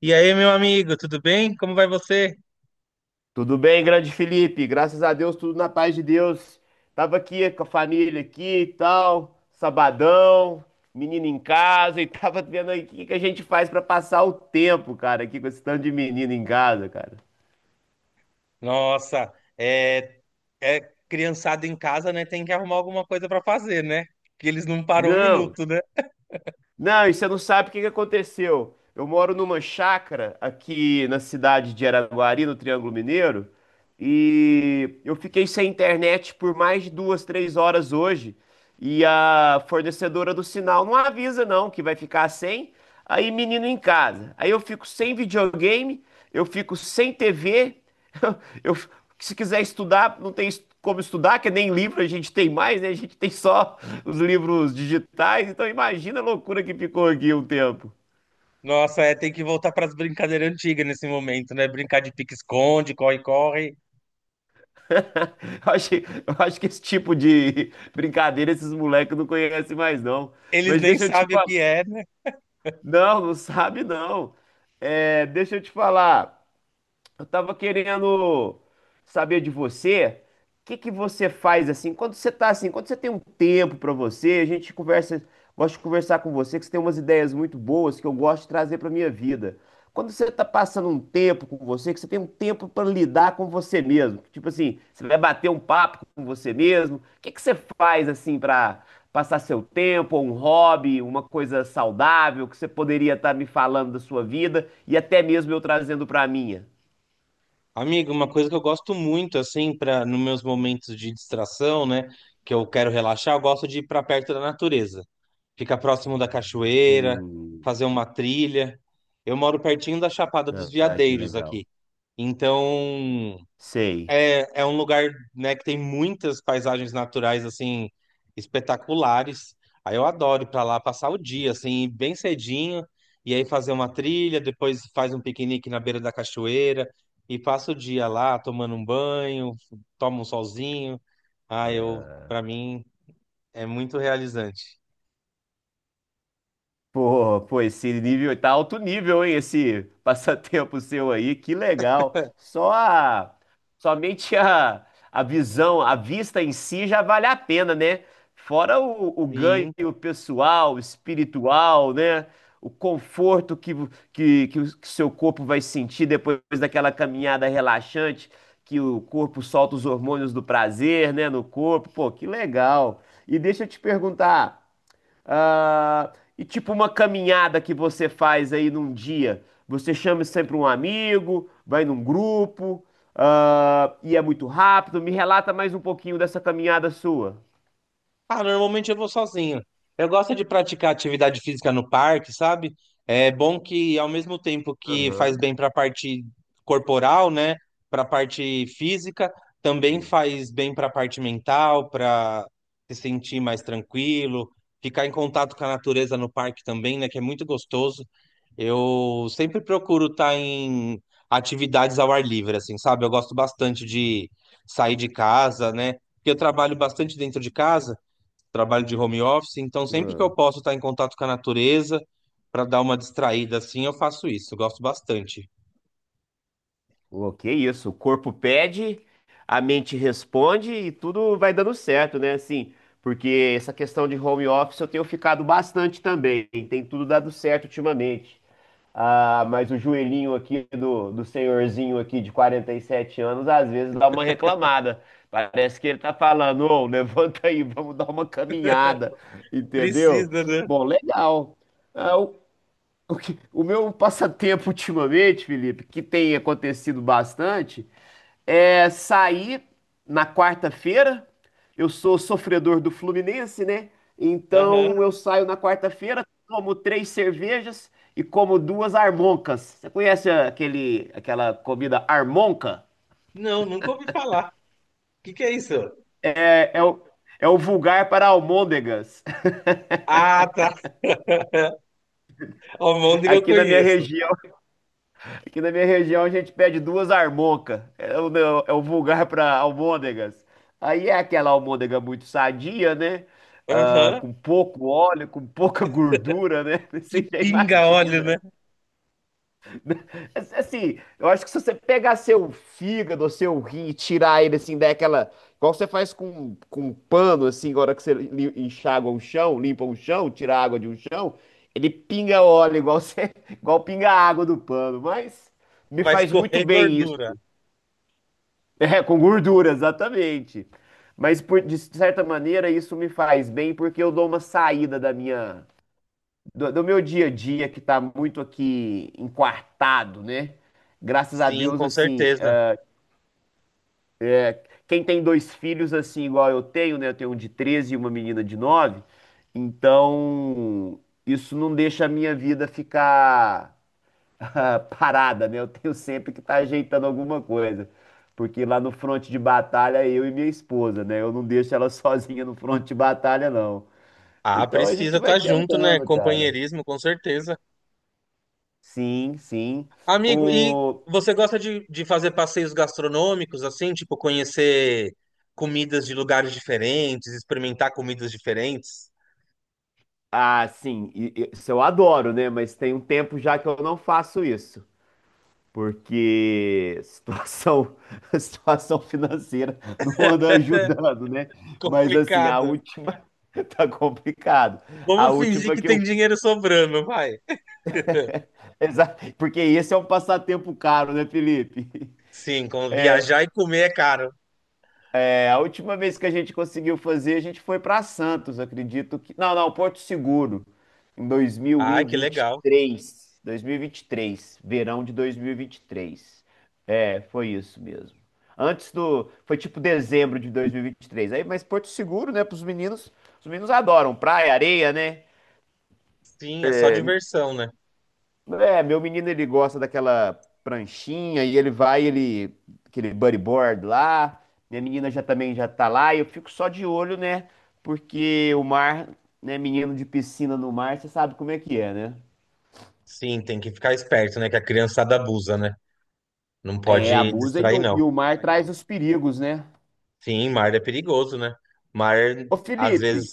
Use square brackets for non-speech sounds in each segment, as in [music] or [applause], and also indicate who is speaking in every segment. Speaker 1: E aí, meu amigo, tudo bem? Como vai você?
Speaker 2: Tudo bem, grande Felipe? Graças a Deus, tudo na paz de Deus. Tava aqui com a família aqui e tal, sabadão, menino em casa e [laughs] tava vendo aí o que que a gente faz pra passar o tempo, cara, aqui com esse tanto de menino em casa, cara.
Speaker 1: Nossa, é, é criançada em casa, né? Tem que arrumar alguma coisa pra fazer, né? Que eles não param um
Speaker 2: Não,
Speaker 1: minuto, né?
Speaker 2: não, e você não sabe o que que aconteceu. Eu moro numa chácara aqui na cidade de Araguari, no Triângulo Mineiro, e eu fiquei sem internet por mais de 2, 3 horas hoje. E a fornecedora do sinal não avisa, não, que vai ficar sem. Aí, menino em casa. Aí eu fico sem videogame, eu fico sem TV. [laughs] Eu, se quiser estudar, não tem como estudar, que nem livro a gente tem mais, né? A gente tem só os livros digitais, então imagina a loucura que ficou aqui um tempo.
Speaker 1: Nossa, é, tem que voltar pras brincadeiras antigas nesse momento, né? Brincar de pique-esconde, corre-corre.
Speaker 2: [laughs] Eu acho que esse tipo de brincadeira esses moleques não conhecem mais, não.
Speaker 1: Eles
Speaker 2: Mas
Speaker 1: nem
Speaker 2: deixa eu te
Speaker 1: sabem o
Speaker 2: falar.
Speaker 1: que é, né?
Speaker 2: Não, não sabe, não. É, deixa eu te falar. Eu tava querendo saber de você, o que que você faz assim, quando você tá assim, quando você tem um tempo pra você, a gente conversa, gosto de conversar com você, que você tem umas ideias muito boas que eu gosto de trazer pra minha vida. Quando você tá passando um tempo com você, que você tem um tempo pra lidar com você mesmo, tipo assim, você vai bater um papo com você mesmo, o que que você faz assim pra passar seu tempo, ou um hobby, uma coisa saudável que você poderia estar me falando da sua vida e até mesmo eu trazendo pra minha?
Speaker 1: Amigo, uma coisa que eu gosto muito, assim, para nos meus momentos de distração, né? Que eu quero relaxar, eu gosto de ir pra perto da natureza, ficar próximo da cachoeira,
Speaker 2: Hum.
Speaker 1: fazer uma trilha. Eu moro pertinho da Chapada dos
Speaker 2: Ah, que
Speaker 1: Veadeiros
Speaker 2: legal.
Speaker 1: aqui. Então,
Speaker 2: Sei.
Speaker 1: é, um lugar, né, que tem muitas paisagens naturais, assim, espetaculares. Aí eu adoro ir pra lá passar o dia, assim, bem cedinho, e aí fazer uma trilha, depois faz um piquenique na beira da cachoeira, e passa o dia lá tomando um banho, tomo um solzinho. Ah, eu, pra mim, é muito realizante.
Speaker 2: Pô, pô, esse nível tá alto nível, hein? Esse [laughs] passatempo seu aí, que legal. Somente a visão, a vista em si já vale a pena, né? Fora o
Speaker 1: Sim.
Speaker 2: ganho pessoal, espiritual, né? O conforto que o que seu corpo vai sentir depois daquela caminhada relaxante, que o corpo solta os hormônios do prazer, né? No corpo, pô, que legal. E deixa eu te perguntar. Ah, e tipo uma caminhada que você faz aí num dia, você chama sempre um amigo, vai num grupo, ah, e é muito rápido. Me relata mais um pouquinho dessa caminhada sua.
Speaker 1: Ah, normalmente eu vou sozinho. Eu gosto de praticar atividade física no parque, sabe? É bom que, ao mesmo tempo que faz bem para a parte corporal, né? Para a parte física, também faz bem para a parte mental, para se sentir mais tranquilo, ficar em contato com a natureza no parque também, né? Que é muito gostoso. Eu sempre procuro estar em atividades ao ar livre, assim, sabe? Eu gosto bastante de sair de casa, né? Porque eu trabalho bastante dentro de casa, trabalho de home office, então sempre que eu
Speaker 2: Aham.
Speaker 1: posso estar em contato com a natureza para dar uma distraída assim, eu faço isso, eu gosto bastante.
Speaker 2: Pô, que isso, o corpo pede, a mente responde e tudo vai dando certo, né? Assim, porque essa questão de home office eu tenho ficado bastante também, tem tudo dado certo ultimamente. Ah, mas o joelhinho aqui do senhorzinho aqui de 47 anos, às vezes dá uma reclamada. Parece que ele tá falando, ô, [laughs] levanta aí, vamos dar uma caminhada, entendeu?
Speaker 1: Precisa, né?
Speaker 2: Bom, legal. Ah, o meu passatempo ultimamente, Felipe, que tem acontecido bastante, é sair na quarta-feira. Eu sou sofredor do Fluminense, né?
Speaker 1: Aham.
Speaker 2: Então eu saio na quarta-feira, tomo três cervejas e como duas armoncas. Você conhece aquele, aquela comida armonca?
Speaker 1: Não, nunca ouvi falar. O que que é isso?
Speaker 2: É, é o, é o vulgar para almôndegas
Speaker 1: Ah, tá.
Speaker 2: [laughs]
Speaker 1: Almôndega eu
Speaker 2: aqui na minha
Speaker 1: conheço.
Speaker 2: região. Aqui na minha região a gente pede duas armoncas. É o vulgar para almôndegas. Aí é aquela almôndega muito sadia, né? Ah,
Speaker 1: Aham.
Speaker 2: com pouco óleo, com pouca gordura, né? [laughs]
Speaker 1: Que
Speaker 2: Você já
Speaker 1: pinga óleo, né?
Speaker 2: imagina. Assim, assim, eu acho que se você pegar seu fígado, seu rim e tirar ele assim, daquela. Igual você faz com um pano, assim, agora que você enxágua um chão, limpa um chão, tira a água de um chão, ele pinga óleo, igual, você, [laughs] igual pinga a água do pano. Mas me
Speaker 1: Vai
Speaker 2: faz muito
Speaker 1: escorrer
Speaker 2: bem isso.
Speaker 1: gordura.
Speaker 2: [laughs] É, com gordura, exatamente. Mas de certa maneira, isso me faz bem porque eu dou uma saída do meu dia a dia que tá muito aqui enquartado, né? Graças a
Speaker 1: Sim,
Speaker 2: Deus,
Speaker 1: com
Speaker 2: assim,
Speaker 1: certeza.
Speaker 2: quem tem dois filhos, assim, igual eu tenho, né? Eu tenho um de 13 e uma menina de 9. Então isso não deixa a minha vida ficar [laughs] ah, parada, né? Eu tenho sempre que estar ajeitando alguma coisa. Porque lá no fronte de batalha é eu e minha esposa, né? Eu não deixo ela [laughs] sozinha no fronte de batalha, não.
Speaker 1: Ah,
Speaker 2: Então a
Speaker 1: precisa
Speaker 2: gente vai
Speaker 1: estar junto, né?
Speaker 2: tentando, cara.
Speaker 1: Companheirismo, com certeza.
Speaker 2: Sim, sim.
Speaker 1: Amigo, e
Speaker 2: O...
Speaker 1: você gosta de fazer passeios gastronômicos, assim, tipo conhecer comidas de lugares diferentes, experimentar comidas diferentes?
Speaker 2: Ah, sim, isso eu adoro, né? Mas tem um tempo já que eu não faço isso, porque [laughs] a situação financeira não anda ajudando, né? Mas assim, a
Speaker 1: Complicado.
Speaker 2: última [laughs] tá complicado. A
Speaker 1: Vamos fingir
Speaker 2: última
Speaker 1: que
Speaker 2: que
Speaker 1: tem
Speaker 2: eu,
Speaker 1: dinheiro sobrando, vai.
Speaker 2: exa- Porque esse é um passatempo caro, né, Felipe?
Speaker 1: Sim, viajar e comer é caro.
Speaker 2: É, a última vez que a gente conseguiu fazer, a gente foi para Santos, acredito que. Não, não, Porto Seguro, em
Speaker 1: Ai, que legal.
Speaker 2: 2023. 2023, verão de 2023. É, foi isso mesmo. Antes do. Foi tipo dezembro de 2023. Aí, mas Porto Seguro, né, para os meninos. Os meninos adoram praia, areia, né?
Speaker 1: Sim, é só diversão, né?
Speaker 2: É, meu menino ele gosta daquela pranchinha e ele vai, ele, aquele bodyboard lá. Minha menina já também já tá lá e eu fico só de olho, né? Porque o mar, né, menino de piscina no mar, você sabe como é que é, né?
Speaker 1: Sim, tem que ficar esperto, né? Que a criançada abusa, né? Não
Speaker 2: É,
Speaker 1: pode
Speaker 2: abusa e
Speaker 1: distrair,
Speaker 2: o, e
Speaker 1: não.
Speaker 2: o mar traz os perigos, né?
Speaker 1: Sim, mar é perigoso, né? Mar,
Speaker 2: Ô
Speaker 1: às
Speaker 2: Felipe,
Speaker 1: vezes,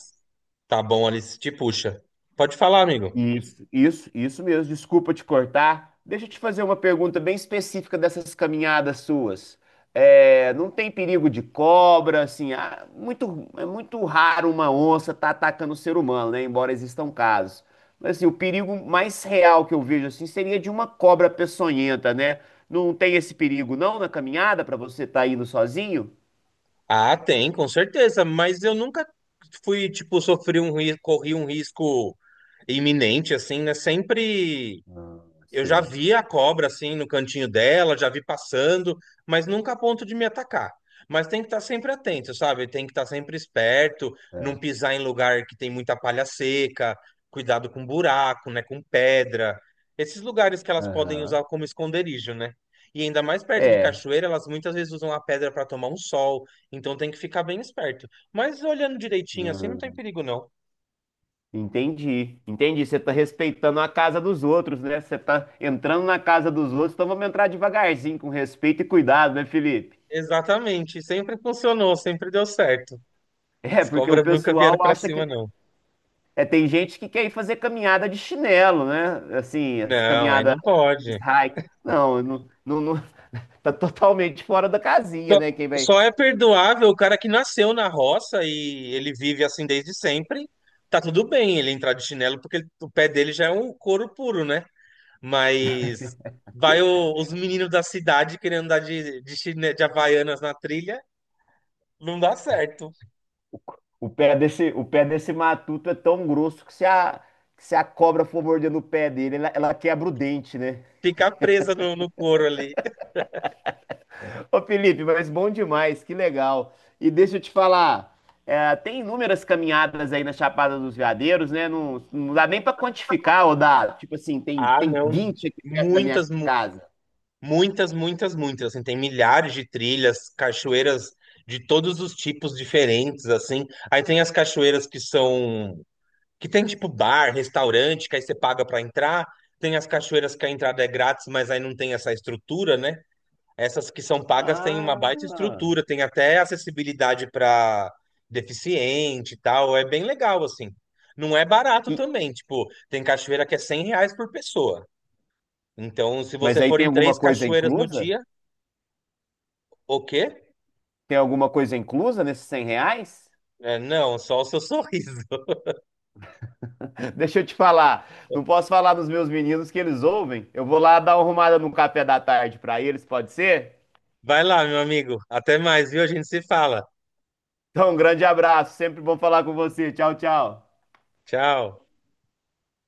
Speaker 1: tá bom ali se te puxa. Pode falar, amigo.
Speaker 2: isso mesmo. Desculpa te cortar. Deixa eu te fazer uma pergunta bem específica dessas caminhadas suas. É, não tem perigo de cobra, assim, ah, muito, é muito raro uma onça estar atacando o ser humano, né? Embora existam casos. Mas assim, o perigo mais real que eu vejo assim seria de uma cobra peçonhenta, né? Não tem esse perigo não na caminhada para você estar indo sozinho?
Speaker 1: Ah, tem, com certeza, mas eu nunca fui, tipo, sofri um risco, corri um risco iminente, assim, né? Sempre.
Speaker 2: Ah,
Speaker 1: Eu já
Speaker 2: sei.
Speaker 1: vi a cobra assim no cantinho dela, já vi passando, mas nunca a ponto de me atacar. Mas tem que estar sempre atento, sabe? Tem que estar sempre esperto, não
Speaker 2: É.
Speaker 1: pisar em lugar que tem muita palha seca, cuidado com buraco, né? Com pedra. Esses lugares que elas podem
Speaker 2: Aham.
Speaker 1: usar como esconderijo, né? E ainda mais perto de
Speaker 2: É.
Speaker 1: cachoeira, elas muitas vezes usam a pedra para tomar um sol, então tem que ficar bem esperto. Mas olhando direitinho assim, não tem perigo, não.
Speaker 2: Entendi, entendi. Você tá respeitando a casa dos outros, né? Você tá entrando na casa dos outros, então vamos entrar devagarzinho, com respeito e cuidado, né, Felipe? [laughs]
Speaker 1: Exatamente, sempre funcionou, sempre deu certo.
Speaker 2: É,
Speaker 1: As
Speaker 2: porque o
Speaker 1: cobras nunca vieram
Speaker 2: pessoal
Speaker 1: pra
Speaker 2: acha que.
Speaker 1: cima, não.
Speaker 2: É, tem gente que quer ir fazer caminhada de chinelo, né? Assim, as
Speaker 1: Não, aí
Speaker 2: caminhadas
Speaker 1: não pode.
Speaker 2: hike. Não, não, não, não- [laughs] tá totalmente fora da casinha,
Speaker 1: Só,
Speaker 2: né? Quem vai.
Speaker 1: só é perdoável o cara que nasceu na roça e ele vive assim desde sempre. Tá tudo bem ele entrar de chinelo, porque ele- o pé dele já é um couro puro, né? Mas vai o- os meninos da cidade querendo andar de de Havaianas na trilha, não dá certo.
Speaker 2: O pé desse matuto é tão grosso que se a cobra for mordendo o pé dele, ela quebra o dente, né?
Speaker 1: Fica presa no couro ali.
Speaker 2: Ô Felipe, mas bom demais, que legal. E deixa eu te falar, é, tem inúmeras caminhadas aí na Chapada dos Veadeiros, né? Não, não dá nem pra quantificar, ou dá, tipo assim, tem,
Speaker 1: Ah,
Speaker 2: tem
Speaker 1: não.
Speaker 2: 20 aqui perto da minha
Speaker 1: Muitas,
Speaker 2: casa.
Speaker 1: muitas, muitas, muitas. Assim, tem milhares de trilhas, cachoeiras de todos os tipos diferentes, assim. Aí tem as cachoeiras que são, que tem tipo bar, restaurante, que aí você paga para entrar. Tem as cachoeiras que a entrada é grátis, mas aí não tem essa estrutura, né? Essas que são pagas têm uma baita
Speaker 2: Ah!
Speaker 1: estrutura, tem até acessibilidade para deficiente e tal. É bem legal, assim. Não é barato
Speaker 2: E-
Speaker 1: também, tipo, tem cachoeira que é 100 reais por pessoa. Então, se
Speaker 2: mas
Speaker 1: você
Speaker 2: aí
Speaker 1: for
Speaker 2: tem
Speaker 1: em
Speaker 2: alguma
Speaker 1: três
Speaker 2: coisa
Speaker 1: cachoeiras no
Speaker 2: inclusa?
Speaker 1: dia, o quê?
Speaker 2: Tem alguma coisa inclusa nesses R$ 100?
Speaker 1: É, não, só o seu [laughs] sorriso.
Speaker 2: [laughs] Deixa eu te falar, não posso falar dos meus meninos que eles ouvem. Eu vou lá dar uma arrumada no café da tarde pra eles, pode ser?
Speaker 1: Vai lá, meu amigo. Até mais, viu? A gente se fala.
Speaker 2: Então, um grande abraço, sempre bom falar com você. Tchau, tchau.
Speaker 1: Tchau.